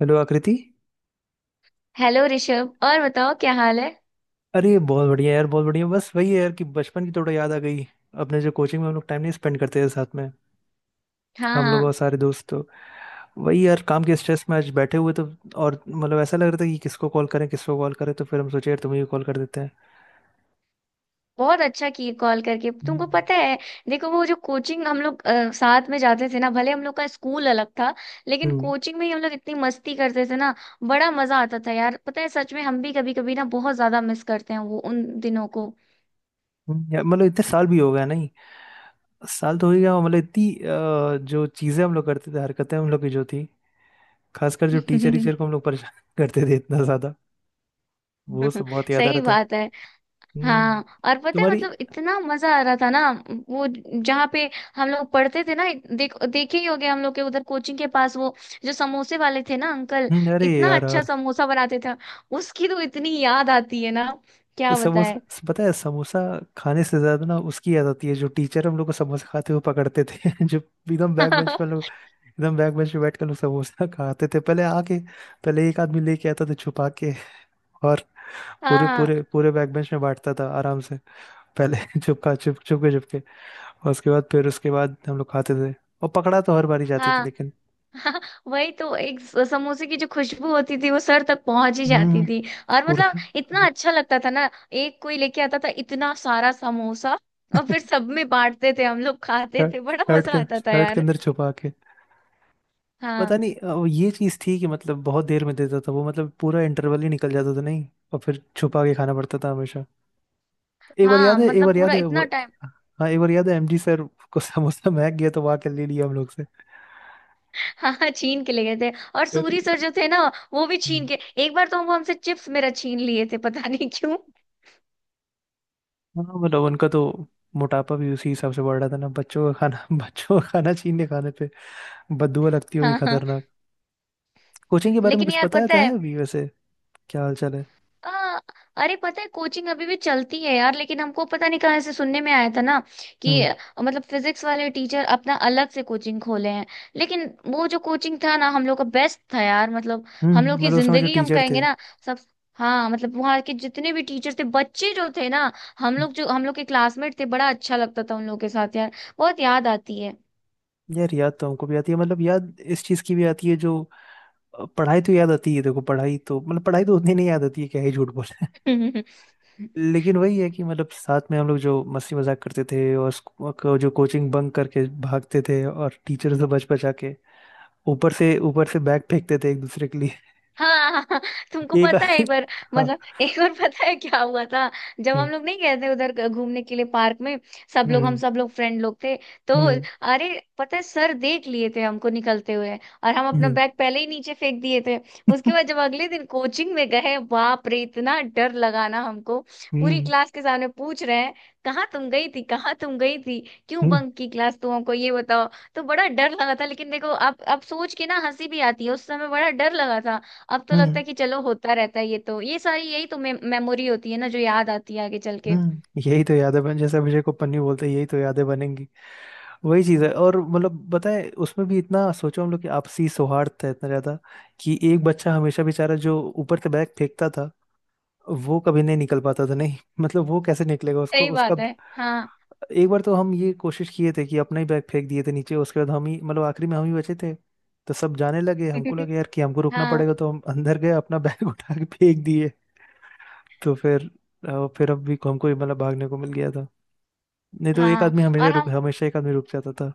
Hello Aakriti. Hello Rishabh, और बताओ क्या हाल है। अरे, बहुत बढ़िया यार, बहुत बढ़िया। बस वही है यार कि बचपन की थोड़ा याद आ गई। अपने जो कोचिंग में हम लोग टाइम नहीं स्पेंड करते थे साथ में, हाँ, हम लोग और हाँ। सारे दोस्त तो। वही यार, काम के स्ट्रेस में आज बैठे हुए तो। और मतलब ऐसा लग रहा था कि किसको कॉल करें, किसको कॉल करें, तो फिर हम सोचे यार तुम्हें भी कॉल कर देते हैं। बहुत अच्छा किए कॉल करके, तुमको हम्म। पता है। देखो वो जो कोचिंग हम लोग साथ में जाते थे ना, भले हम लोग का स्कूल अलग था, लेकिन हम्म, कोचिंग में ही हम लोग इतनी मस्ती करते थे ना। बड़ा मजा आता था यार, पता है सच में हम भी कभी कभी ना बहुत ज्यादा मिस करते हैं वो उन दिनों को। यार मतलब इतने साल भी हो गया नहीं? साल तो हो ही गया। मतलब इतनी जो चीज़ें हम लोग करते थे, हरकतें हम लोग की जो थी, खासकर जो टीचर टीचर को हम लोग परेशान करते थे इतना ज़्यादा, वो सब बहुत याद आ रहा सही था। बात है। हम्म। हाँ, और पता है तुम्हारी। मतलब इतना मजा आ रहा था ना। वो जहाँ पे हम लोग पढ़ते थे ना, देखे ही होगे हम लोग के उधर कोचिंग के पास वो जो समोसे वाले थे ना अंकल, अरे इतना यार अच्छा यार। समोसा बनाते थे। उसकी तो इतनी याद आती है ना, क्या बताए। समोसा, पता है समोसा खाने से ज्यादा ना उसकी याद आती है जो टीचर हम लोग को समोसा खाते हुए पकड़ते थे जो एकदम बैक बेंच हाँ, पर लोग, एकदम बैक बेंच पे बैठ कर लोग समोसा खाते थे पहले आके। पहले एक आदमी लेके आता था छुपा के, और पूरे हाँ, पूरे पूरे बैक बेंच में बांटता था आराम से, पहले चुपका, चुप चुप के, चुप के। और उसके बाद फिर उसके बाद हम लोग खाते थे, और पकड़ा तो हर बारी जाते थे हाँ। लेकिन। हाँ, वही तो एक समोसे की जो खुशबू होती थी वो सर तक पहुंच ही जाती हम्म। थी। और मतलब पूरा। इतना अच्छा लगता था ना। एक कोई लेके आता था इतना सारा समोसा, और फिर सब में बांटते थे, हम लोग खाते थे, बड़ा शर्ट मजा के आता था शर्ट के यार। अंदर छुपा। पता हाँ, नहीं वो ये चीज थी कि मतलब बहुत देर में देता था वो, मतलब पूरा इंटरवल ही निकल जाता था नहीं, और फिर छुपा के खाना पड़ता था हमेशा। हाँ, एक मतलब बार याद पूरा है वो। इतना टाइम। हाँ, एक बार याद है, एमजी सर को समोसा महक गया तो वहां के ले लिया हम लोग से। हाँ, हाँ, छीन के ले गए थे। और अरे सूरी सर यार। जो थे ना, वो भी छीन हम्म। के। एक बार तो वो हमसे चिप्स मेरा छीन लिए थे, पता नहीं क्यों। हाँ, मतलब उनका तो मोटापा भी उसी हिसाब से बढ़ रहा था ना। बच्चों का खाना बच्चों का खाना छीनने, खाने पे बददुआ लगती होगी हाँ, हाँ। खतरनाक। कोचिंग के बारे में लेकिन कुछ यार पता है पता है है। अभी वैसे? क्या हाल चाल है? आ, अरे पता है कोचिंग अभी भी चलती है यार, लेकिन हमको पता नहीं कहाँ से सुनने में आया था ना कि हम्म। मतलब फिजिक्स वाले टीचर अपना अलग से कोचिंग खोले हैं। लेकिन वो जो कोचिंग था ना हम लोग का, बेस्ट था यार, मतलब हम लोग हम्म, की मतलब उस समय जो जिंदगी हम टीचर कहेंगे थे, ना, सब। हाँ, मतलब वहाँ के जितने भी टीचर थे, बच्चे जो थे ना, हम लोग जो हम लोग के क्लासमेट थे, बड़ा अच्छा लगता था उन लोगों के साथ यार। बहुत याद आती यार याद तो हमको भी आती है। मतलब याद इस चीज की भी आती है जो पढ़ाई तो याद आती है। देखो, पढ़ाई तो मतलब पढ़ाई तो उतनी नहीं याद आती है, क्या ही झूठ बोले। है। लेकिन वही है कि मतलब साथ में हम लोग जो मस्ती मजाक करते थे, और जो कोचिंग बंक करके भागते थे, और टीचर से बच बचा के ऊपर से, ऊपर से बैग फेंकते थे एक दूसरे के लिए। हाँ, हाँ, हाँ, तुमको एक पता है एक बार, हाँ। मतलब एक बार पता है क्या हुआ था, जब हम हम्म। लोग नहीं गए थे उधर घूमने के लिए पार्क में। सब लोग हम हम्म। सब लोग फ्रेंड लोग थे तो, हम्म। अरे पता है सर देख लिए थे हमको निकलते हुए, और हम अपना हम्म। बैग पहले ही नीचे फेंक दिए थे। उसके बाद जब अगले दिन कोचिंग में गए, बाप रे इतना डर लगा ना हमको। पूरी हम्म। क्लास के सामने पूछ रहे हैं, कहाँ तुम गई थी, कहाँ तुम गई थी, क्यों हम्म। बंक की क्लास, तुम हमको ये बताओ। तो बड़ा डर लगा था, लेकिन देखो अब सोच के ना हंसी भी आती है, उस समय बड़ा डर लगा था। अब तो लगता हम्म, है कि चलो होता रहता है, ये तो, ये सारी यही तो मे मेमोरी होती है ना जो याद आती है आगे चल के। हम्म, यही तो यादें बन, जैसे अभिषेक को पन्नी बोलते हैं, यही तो यादें बनेंगी। वही चीज है। और मतलब बताए, उसमें भी इतना सोचो हम लोग कि आपसी सौहार्द था इतना ज्यादा, कि एक बच्चा हमेशा बेचारा जो ऊपर से बैग फेंकता था, वो कभी नहीं निकल पाता था नहीं। मतलब वो कैसे निकलेगा, उसको सही उसका। बात है। हाँ। एक बार तो हम ये कोशिश किए थे कि अपना ही बैग फेंक दिए थे नीचे, उसके बाद हम ही मतलब आखिरी में हम ही बचे थे, तो सब जाने लगे, हमको लगे यार कि हमको रुकना हाँ, पड़ेगा, तो हम अंदर गए अपना बैग उठा के फेंक दिए। तो फिर फिर अब भी हमको ही मतलब भागने को मिल गया था, नहीं तो एक हाँ आदमी हमेशा और रुक, हम। हमेशा एक आदमी रुक जाता था।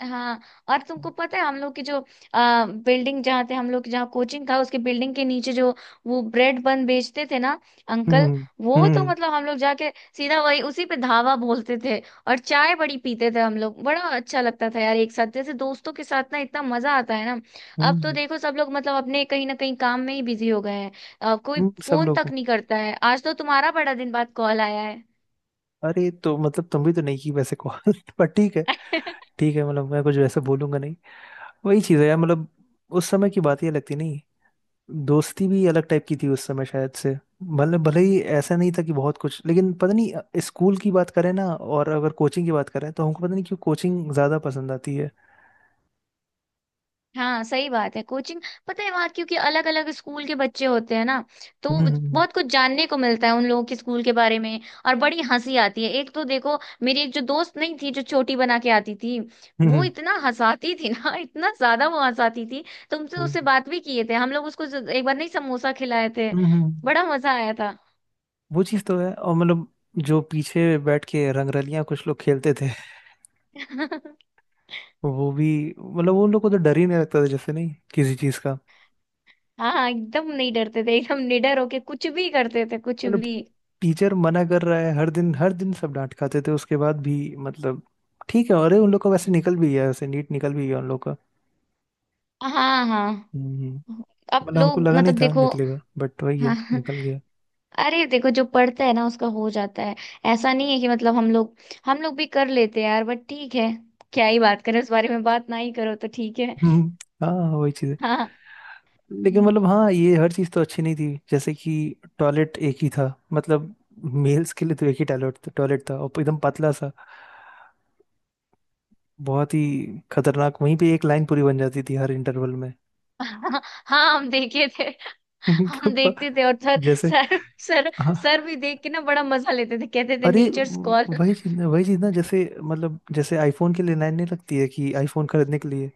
हाँ, और तुमको पता है हम लोग की जो बिल्डिंग जहाँ थे हम लोग की, जहाँ कोचिंग था, उसके बिल्डिंग के नीचे जो वो ब्रेड बन बेचते थे ना अंकल, हम्म। हम्म। वो तो हम्म। मतलब हम लोग जाके सीधा वही उसी पे धावा बोलते थे। और चाय बड़ी पीते थे हम लोग, बड़ा अच्छा लगता था यार, एक साथ जैसे दोस्तों के साथ ना, इतना मजा आता है ना। अब तो हम्म, देखो सब लोग मतलब अपने कहीं ना कहीं काम में ही बिजी हो गए हैं। कोई सब फोन तक लोगों। नहीं करता है, आज तो तुम्हारा बड़ा दिन बाद कॉल आया अरे, तो मतलब तुम भी तो नहीं की वैसे कॉल पर ठीक है। है। ठीक है, मतलब मैं कुछ वैसे बोलूंगा नहीं। वही चीज़ है यार मतलब, उस समय की बात ही अलग थी नहीं? दोस्ती भी अलग टाइप की थी उस समय शायद से। मतलब भले ही ऐसा नहीं था कि बहुत कुछ, लेकिन पता नहीं स्कूल की बात करें ना, और अगर कोचिंग की बात करें, तो हमको पता नहीं क्यों कोचिंग ज़्यादा पसंद आती है। हाँ, सही बात है। कोचिंग पता है वहाँ क्योंकि अलग अलग स्कूल के बच्चे होते हैं ना, तो हम्म हम्म बहुत कुछ जानने को मिलता है उन लोगों के स्कूल के बारे में। और बड़ी हंसी आती है, एक तो देखो मेरी एक जो दोस्त नहीं थी, जो चोटी बना के आती थी, हम्म। हम्म। वो इतना हंसाती थी ना इतना ज्यादा वो हंसाती थी। तुमसे उससे हम्म, बात भी किए थे हम लोग, उसको एक बार नहीं समोसा खिलाए थे, हम्म, हम्म, हम्म, हम्म। बड़ा मजा आया था। वो चीज़ तो है। और मतलब जो पीछे बैठ के रंगरलियां कुछ लोग खेलते थे, वो भी, मतलब उन लोग को तो डर ही नहीं लगता था, जैसे नहीं किसी चीज़ का। हाँ, हाँ, एकदम नहीं डरते थे, एकदम निडर होके कुछ भी करते थे, कुछ मतलब भी। टीचर मना कर रहा है, हर दिन सब डांट खाते थे उसके बाद भी। मतलब ठीक है, अरे उन लोग का वैसे निकल भी गया वैसे, नीट निकल भी गया उन लोग का। हाँ, हाँ, हम्म। अब मतलब हमको लोग लगा नहीं मतलब था देखो। निकलेगा, बट वही है, हाँ। निकल गया। अरे देखो, जो पढ़ता है ना उसका हो जाता है। ऐसा नहीं है कि मतलब हम लोग भी कर लेते हैं यार, बट ठीक है। क्या ही बात करें, उस बारे में बात ना ही करो तो ठीक है। हम्म, हाँ, वही चीज है। हाँ। लेकिन हम्म। मतलब हाँ, ये हर चीज तो अच्छी नहीं थी, जैसे कि टॉयलेट एक ही था। मतलब मेल्स के लिए तो एक ही टॉयलेट था, और एकदम पतला सा, बहुत ही खतरनाक। वहीं पे एक लाइन पूरी बन जाती थी हर इंटरवल में। हाँ, हम देखे थे। हम देखते थे और सर जैसे, सर सर हाँ। सर भी देख के ना बड़ा मजा लेते थे, कहते थे अरे, नेचर्स कॉल। वही चीज ना, वही चीज ना, जैसे मतलब जैसे आईफोन के लिए लाइन नहीं लगती है, कि आईफोन खरीदने के लिए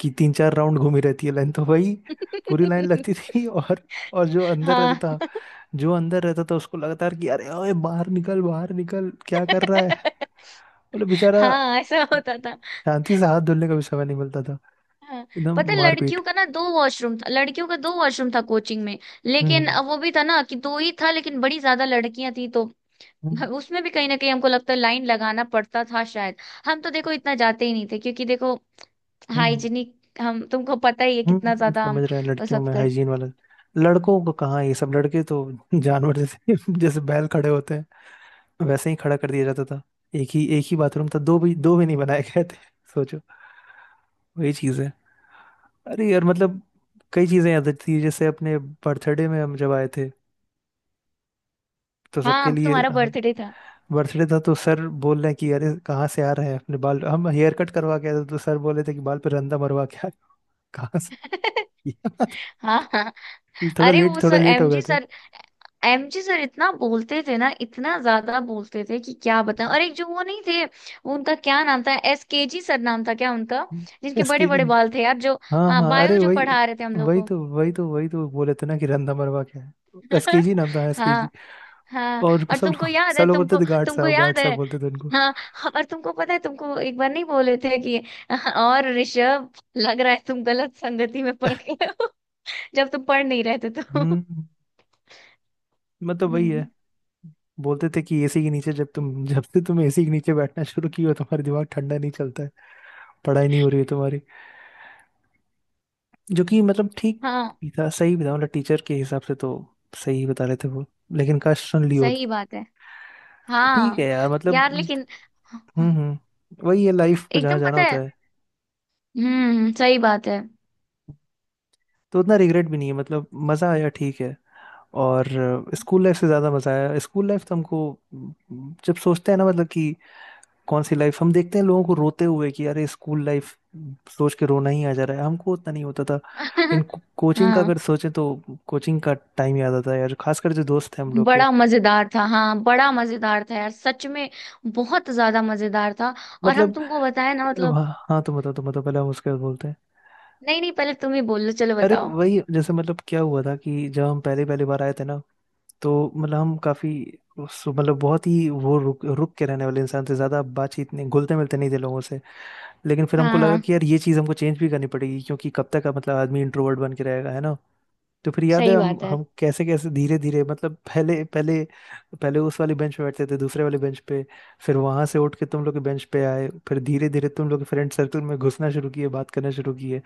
कि तीन चार राउंड घूमी रहती है लाइन, तो वही पूरी लाइन लगती थी। और हाँ। जो अंदर रहता था उसको लगता था कि अरे ओए, बाहर निकल, बाहर निकल, क्या कर रहा है। मतलब बेचारा हाँ, ऐसा होता था। शांति से हाथ धुलने का भी समय नहीं मिलता था, हाँ, एकदम पता है मारपीट। लड़कियों का ना दो वॉशरूम था, लड़कियों का दो वॉशरूम था कोचिंग में। लेकिन हम्म। अब वो भी था ना कि दो ही था, लेकिन बड़ी ज्यादा लड़कियां थी तो हम्म। उसमें भी कहीं ना कहीं हमको लगता है लाइन लगाना पड़ता था शायद। हम तो देखो इतना जाते ही नहीं थे, क्योंकि देखो हम्म। हाइजीनिक, हम, तुमको पता ही है कितना ज्यादा हम समझ रहे हैं, वो लड़कियों सब में कर। हाइजीन वाला। लड़कों को कहाँ ये सब, लड़के तो जानवर जैसे, जैसे बैल खड़े होते हैं वैसे ही खड़ा कर दिया जाता था। एक ही, एक ही बाथरूम था, दो भी, दो भी नहीं बनाए गए थे, सोचो। वही चीज़ है। अरे यार, मतलब कई चीज़ें याद आती थी। जैसे अपने बर्थडे में हम जब आए थे तो सबके हाँ, लिए, तुम्हारा हाँ। बर्थडे था। बर्थडे था, तो सर बोल रहे हैं कि अरे कहाँ से आ रहे हैं, अपने बाल। हम हेयर कट करवा के आए थे, तो सर बोले थे कि बाल पे रंदा मरवा के आए हो। कहाँ से? ये हाँ, हाँ, थोड़ा अरे वो लेट, थोड़ा सर, लेट हो एमजी गए थे। सर। एमजी सर इतना बोलते थे ना, इतना ज्यादा बोलते थे कि क्या बताएं। और एक जो वो नहीं थे, वो उनका क्या नाम था, एसकेजी सर नाम था क्या उनका, जिनके बड़े एसके जी, बड़े बाल थे यार जो। हाँ हाँ, हाँ, अरे बायो जो वही, पढ़ा रहे थे हम लोग वही को। तो, वही तो, वही तो बोले थे ना कि रंदा मरवा के आए। एसके जी नाम था, एसके जी। हाँ, हाँ, और और सब तुमको लोग, याद सब है, लोग बोलते तुमको थे गार्ड तुमको साहब, गार्ड याद साहब है। बोलते थे उनको। हाँ, और तुमको पता है, तुमको एक बार नहीं बोले थे कि और ऋषभ, लग रहा है तुम गलत संगति में पड़ गए हो जब तुम पढ़ नहीं रहे थे तो। हम्म। मतलब वही है, हम्म। बोलते थे कि एसी के नीचे जब से तुम एसी के नीचे बैठना शुरू किए हो, तुम्हारा दिमाग ठंडा नहीं चलता, पढ़ाई नहीं हो रही है तुम्हारी, जो कि मतलब ठीक हाँ, भी था, सही भी था। मतलब टीचर के हिसाब से तो सही ही बता रहे थे वो, लेकिन काश सुन ली होती। सही बात है। ठीक है हाँ यार, यार, मतलब। लेकिन हम्म। हम्म, वही है, लाइफ को जहाँ एकदम जाना पता है। होता है। हम्म, सही बात है। तो उतना रिग्रेट भी नहीं है, मतलब मज़ा आया ठीक है। और स्कूल लाइफ से ज़्यादा मज़ा आया। स्कूल लाइफ तो हमको अम, जब सोचते हैं ना, मतलब कि कौन सी लाइफ, हम देखते हैं लोगों को रोते हुए कि अरे स्कूल लाइफ सोच के रोना ही आ जा रहा है, हमको उतना नहीं होता था। लेकिन कोचिंग का हाँ, अगर सोचें तो, कोचिंग का टाइम याद आता है यार, खासकर जो दोस्त हैं हम लोग के। बड़ा मजेदार था, हाँ, बड़ा मजेदार था यार, सच में बहुत ज्यादा मजेदार था। और हम मतलब तुमको बताए ना, मतलब हाँ, हाँ, तुम बताओ, तुम बताओ पहले, हम उसके बाद बोलते हैं। नहीं नहीं, पहले तुम ही बोल लो, चलो अरे बताओ। वही, जैसे मतलब क्या हुआ था कि जब हम पहले पहली बार आए थे ना, तो मतलब हम काफी, मतलब बहुत ही वो रुक रुक के रहने वाले इंसान थे, ज्यादा बातचीत नहीं, घुलते मिलते नहीं थे लोगों से। लेकिन फिर हमको हाँ, लगा हाँ, कि यार ये चीज़ हमको चेंज भी करनी पड़ेगी, क्योंकि कब तक मतलब आदमी इंट्रोवर्ट बन के रहेगा, है ना? तो फिर याद है सही हम बात है। हम कैसे कैसे धीरे धीरे, मतलब पहले पहले, पहले उस वाली बेंच पे बैठते थे, दूसरे वाले बेंच पे, फिर वहां से उठ के तुम लोग के बेंच पे आए, फिर धीरे धीरे तुम लोग फ्रेंड सर्कल में घुसना शुरू किए, बात करना शुरू किए,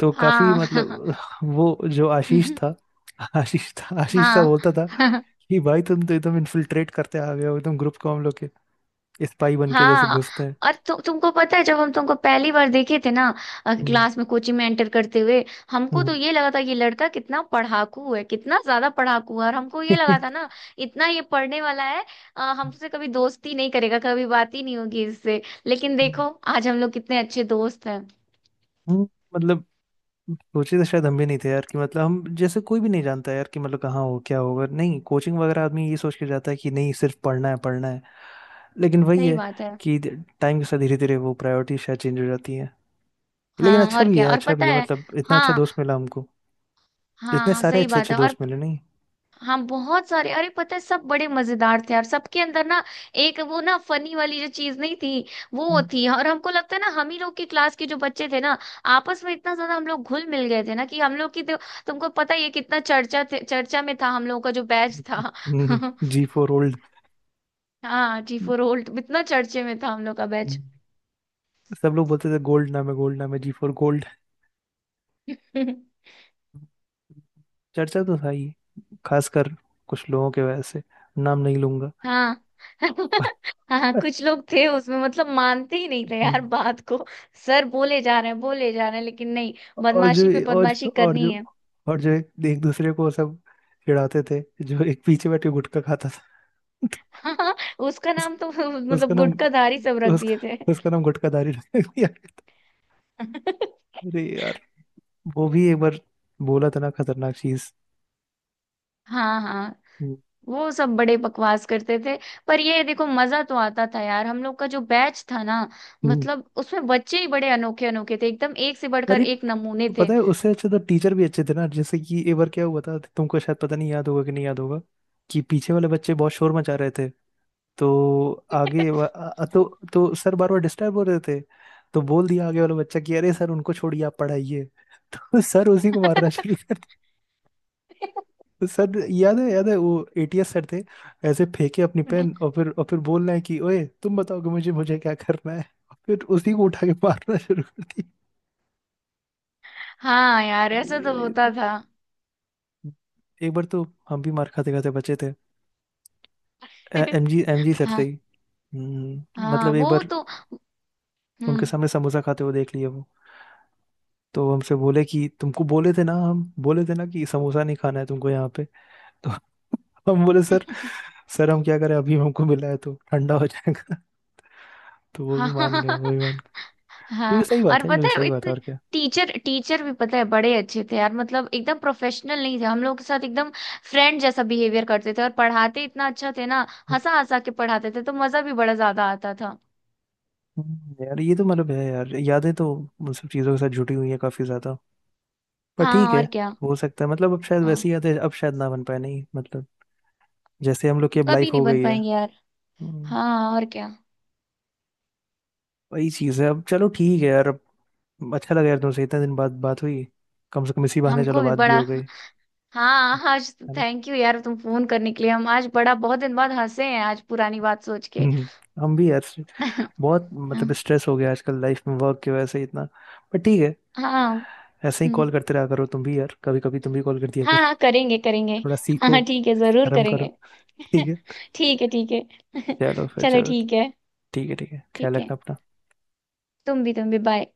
तो काफी हाँ। मतलब। वो जो आशीष था हाँ। बोलता था कि भाई तुम तो एकदम इन्फिल्ट्रेट करते आ गए हो एकदम, ग्रुप को हम लोग के, स्पाई बन के जैसे हाँ, घुसते हैं। और तुमको पता है जब हम तुमको पहली बार देखे थे ना हम्म। क्लास में, कोचिंग में एंटर करते हुए, हमको हम्म। तो ये लगा था ये लड़का कितना पढ़ाकू है, कितना ज्यादा पढ़ाकू है, और हमको ये लगा था ना इतना ये पढ़ने वाला है, हमसे कभी दोस्ती नहीं करेगा, कभी बात ही नहीं होगी इससे। लेकिन हम्म। देखो, आज हम लोग कितने अच्छे दोस्त हैं। हम्म, मतलब सोचे तो शायद हम भी नहीं थे यार कि मतलब हम, जैसे कोई भी नहीं जानता यार कि मतलब कहाँ हो क्या होगा, नहीं कोचिंग वगैरह आदमी ये सोच के जाता है कि नहीं सिर्फ पढ़ना है, पढ़ना है, लेकिन वही सही है बात है। कि टाइम के साथ धीरे धीरे वो प्रायोरिटी शायद चेंज हो जाती है। लेकिन हाँ, अच्छा और भी क्या, है, और अच्छा भी पता है, है। मतलब इतना अच्छा दोस्त हाँ, मिला हमको, इतने हाँ, सारे सही अच्छे बात अच्छे है। और दोस्त मिले नहीं। हाँ, बहुत सारे, अरे पता है सब बड़े मजेदार थे यार, सबके अंदर ना एक वो ना फनी वाली जो चीज नहीं थी, वो थी। और हमको लगता है ना हम ही लोग की क्लास के जो बच्चे थे ना, आपस में इतना ज्यादा हम लोग घुल मिल गए थे ना, कि हम लोग की तो, तुमको पता ही है कितना चर्चा में था हम लोग का जो बैच था। हम्म। जी फॉर ओल्ड, हाँ, जी फोर होल्ट, इतना चर्चे में था हम लोग का बैच। सब लोग बोलते थे गोल्ड नाम है, गोल्ड नाम है, जी फॉर गोल्ड। चर्चा तो था ही, खासकर कुछ लोगों के वजह से, नाम नहीं लूंगा। हाँ। हाँ, कुछ लोग थे उसमें, मतलब मानते ही नहीं थे यार बात को। सर बोले जा रहे हैं, बोले जा रहे हैं, लेकिन नहीं, और जो बदमाशी पे और बदमाशी जो और जो करनी है। और जो एक दूसरे को सब चिढ़ाते थे, जो एक पीछे बैठ के गुटखा खाता था। तो हाँ, उसका उस, नाम तो उसका मतलब नाम, गुटखाधारी सब रख उसका, दिए थे। उसका नाम गुटखाधारी रख दिया गया था। अरे यार, वो भी एक बार बोला था ना खतरनाक चीज। हाँ, हाँ, हम्म, वो सब बड़े बकवास करते थे। पर ये देखो, मजा तो आता था यार, हम लोग का जो बैच था ना, हम्म। मतलब उसमें बच्चे ही बड़े अनोखे अनोखे थे, एकदम एक से बढ़कर अरे, एक नमूने थे। पता है, उससे अच्छे तो टीचर भी अच्छे थे ना। जैसे कि एक बार क्या हुआ था, तुमको शायद पता नहीं, याद होगा कि नहीं याद होगा, कि पीछे वाले बच्चे बहुत शोर मचा रहे थे, तो तो सर बार बार डिस्टर्ब हो रहे थे, तो बोल दिया आगे वाला बच्चा कि अरे सर उनको छोड़िए आप पढ़ाइए, तो सर उसी को मारना शुरू कर दिया। सर याद है, याद है वो, एटीएस सर थे, ऐसे फेंके अपनी पेन, और फिर बोलना है कि ओए तुम बताओ कि मुझे मुझे क्या करना है, और फिर उसी को उठा के मारना शुरू कर दिया। हाँ यार, अरे, ऐसा तो अरे, होता था। एक बार तो हम भी मार खाते खाते बचे थे, एमजी एमजी सर से हाँ, ही। हम्म, हाँ, मतलब एक वो बार तो। उनके हम्म। सामने समोसा खाते हुए देख लिए वो, तो हमसे बोले कि तुमको बोले थे ना, हम बोले थे ना कि समोसा नहीं खाना है तुमको यहाँ पे, तो हम बोले, सर, सर हम क्या करें, अभी हमको मिला है तो ठंडा हो जाएगा। तो वो भी मान गए, वो हाँ, भी मान गए, जो हाँ, कि सही बात और है, जो कि पता सही है बात है, इतने और क्या। टीचर टीचर भी पता है बड़े अच्छे थे यार, मतलब एकदम प्रोफेशनल नहीं थे हम लोग के साथ, एकदम फ्रेंड जैसा बिहेवियर करते थे, और पढ़ाते इतना अच्छा थे ना, हंसा हंसा के पढ़ाते थे तो मजा भी बड़ा ज्यादा आता था। यार ये तो मतलब है यार, यादें तो उन सब चीज़ों के साथ जुटी हुई है काफ़ी ज़्यादा। पर ठीक हाँ, है, और क्या। हो सकता है मतलब अब शायद हाँ, वैसी यादें, अब शायद ना बन पाए नहीं, मतलब जैसे हम लोग की अब कभी लाइफ नहीं हो बन गई है। पाएंगे यार। हाँ, और क्या। वही चीज़ है अब, चलो ठीक है यार। अब अच्छा लगा यार, तुमसे इतने दिन बाद बात हुई, कम से कम इसी बहाने हमको चलो भी बात भी बड़ा। हो गई, हाँ आज, है ना? थैंक यू यार तुम फोन करने के लिए, हम आज बड़ा, बहुत दिन बाद हंसे हैं आज पुरानी बात सोच के। हम्म, हम भी यार बहुत, मतलब हाँ, स्ट्रेस हो गया आजकल लाइफ में वर्क की वजह से इतना, पर ठीक है। हाँ। ऐसे ही हम्म। कॉल करते रहा करो तुम भी यार, कभी कभी तुम भी कॉल कर दिया हाँ, करो, हाँ, करेंगे करेंगे। थोड़ा हाँ, सीखो, हाँ, ठीक है, जरूर आराम करो। करेंगे। ठीक है, ठीक है, ठीक है। चलो फिर, चलो चलो, ठीक है। ठीक है, ठीक है, ख्याल ठीक है, रखना अपना। तुम भी, तुम भी, बाय।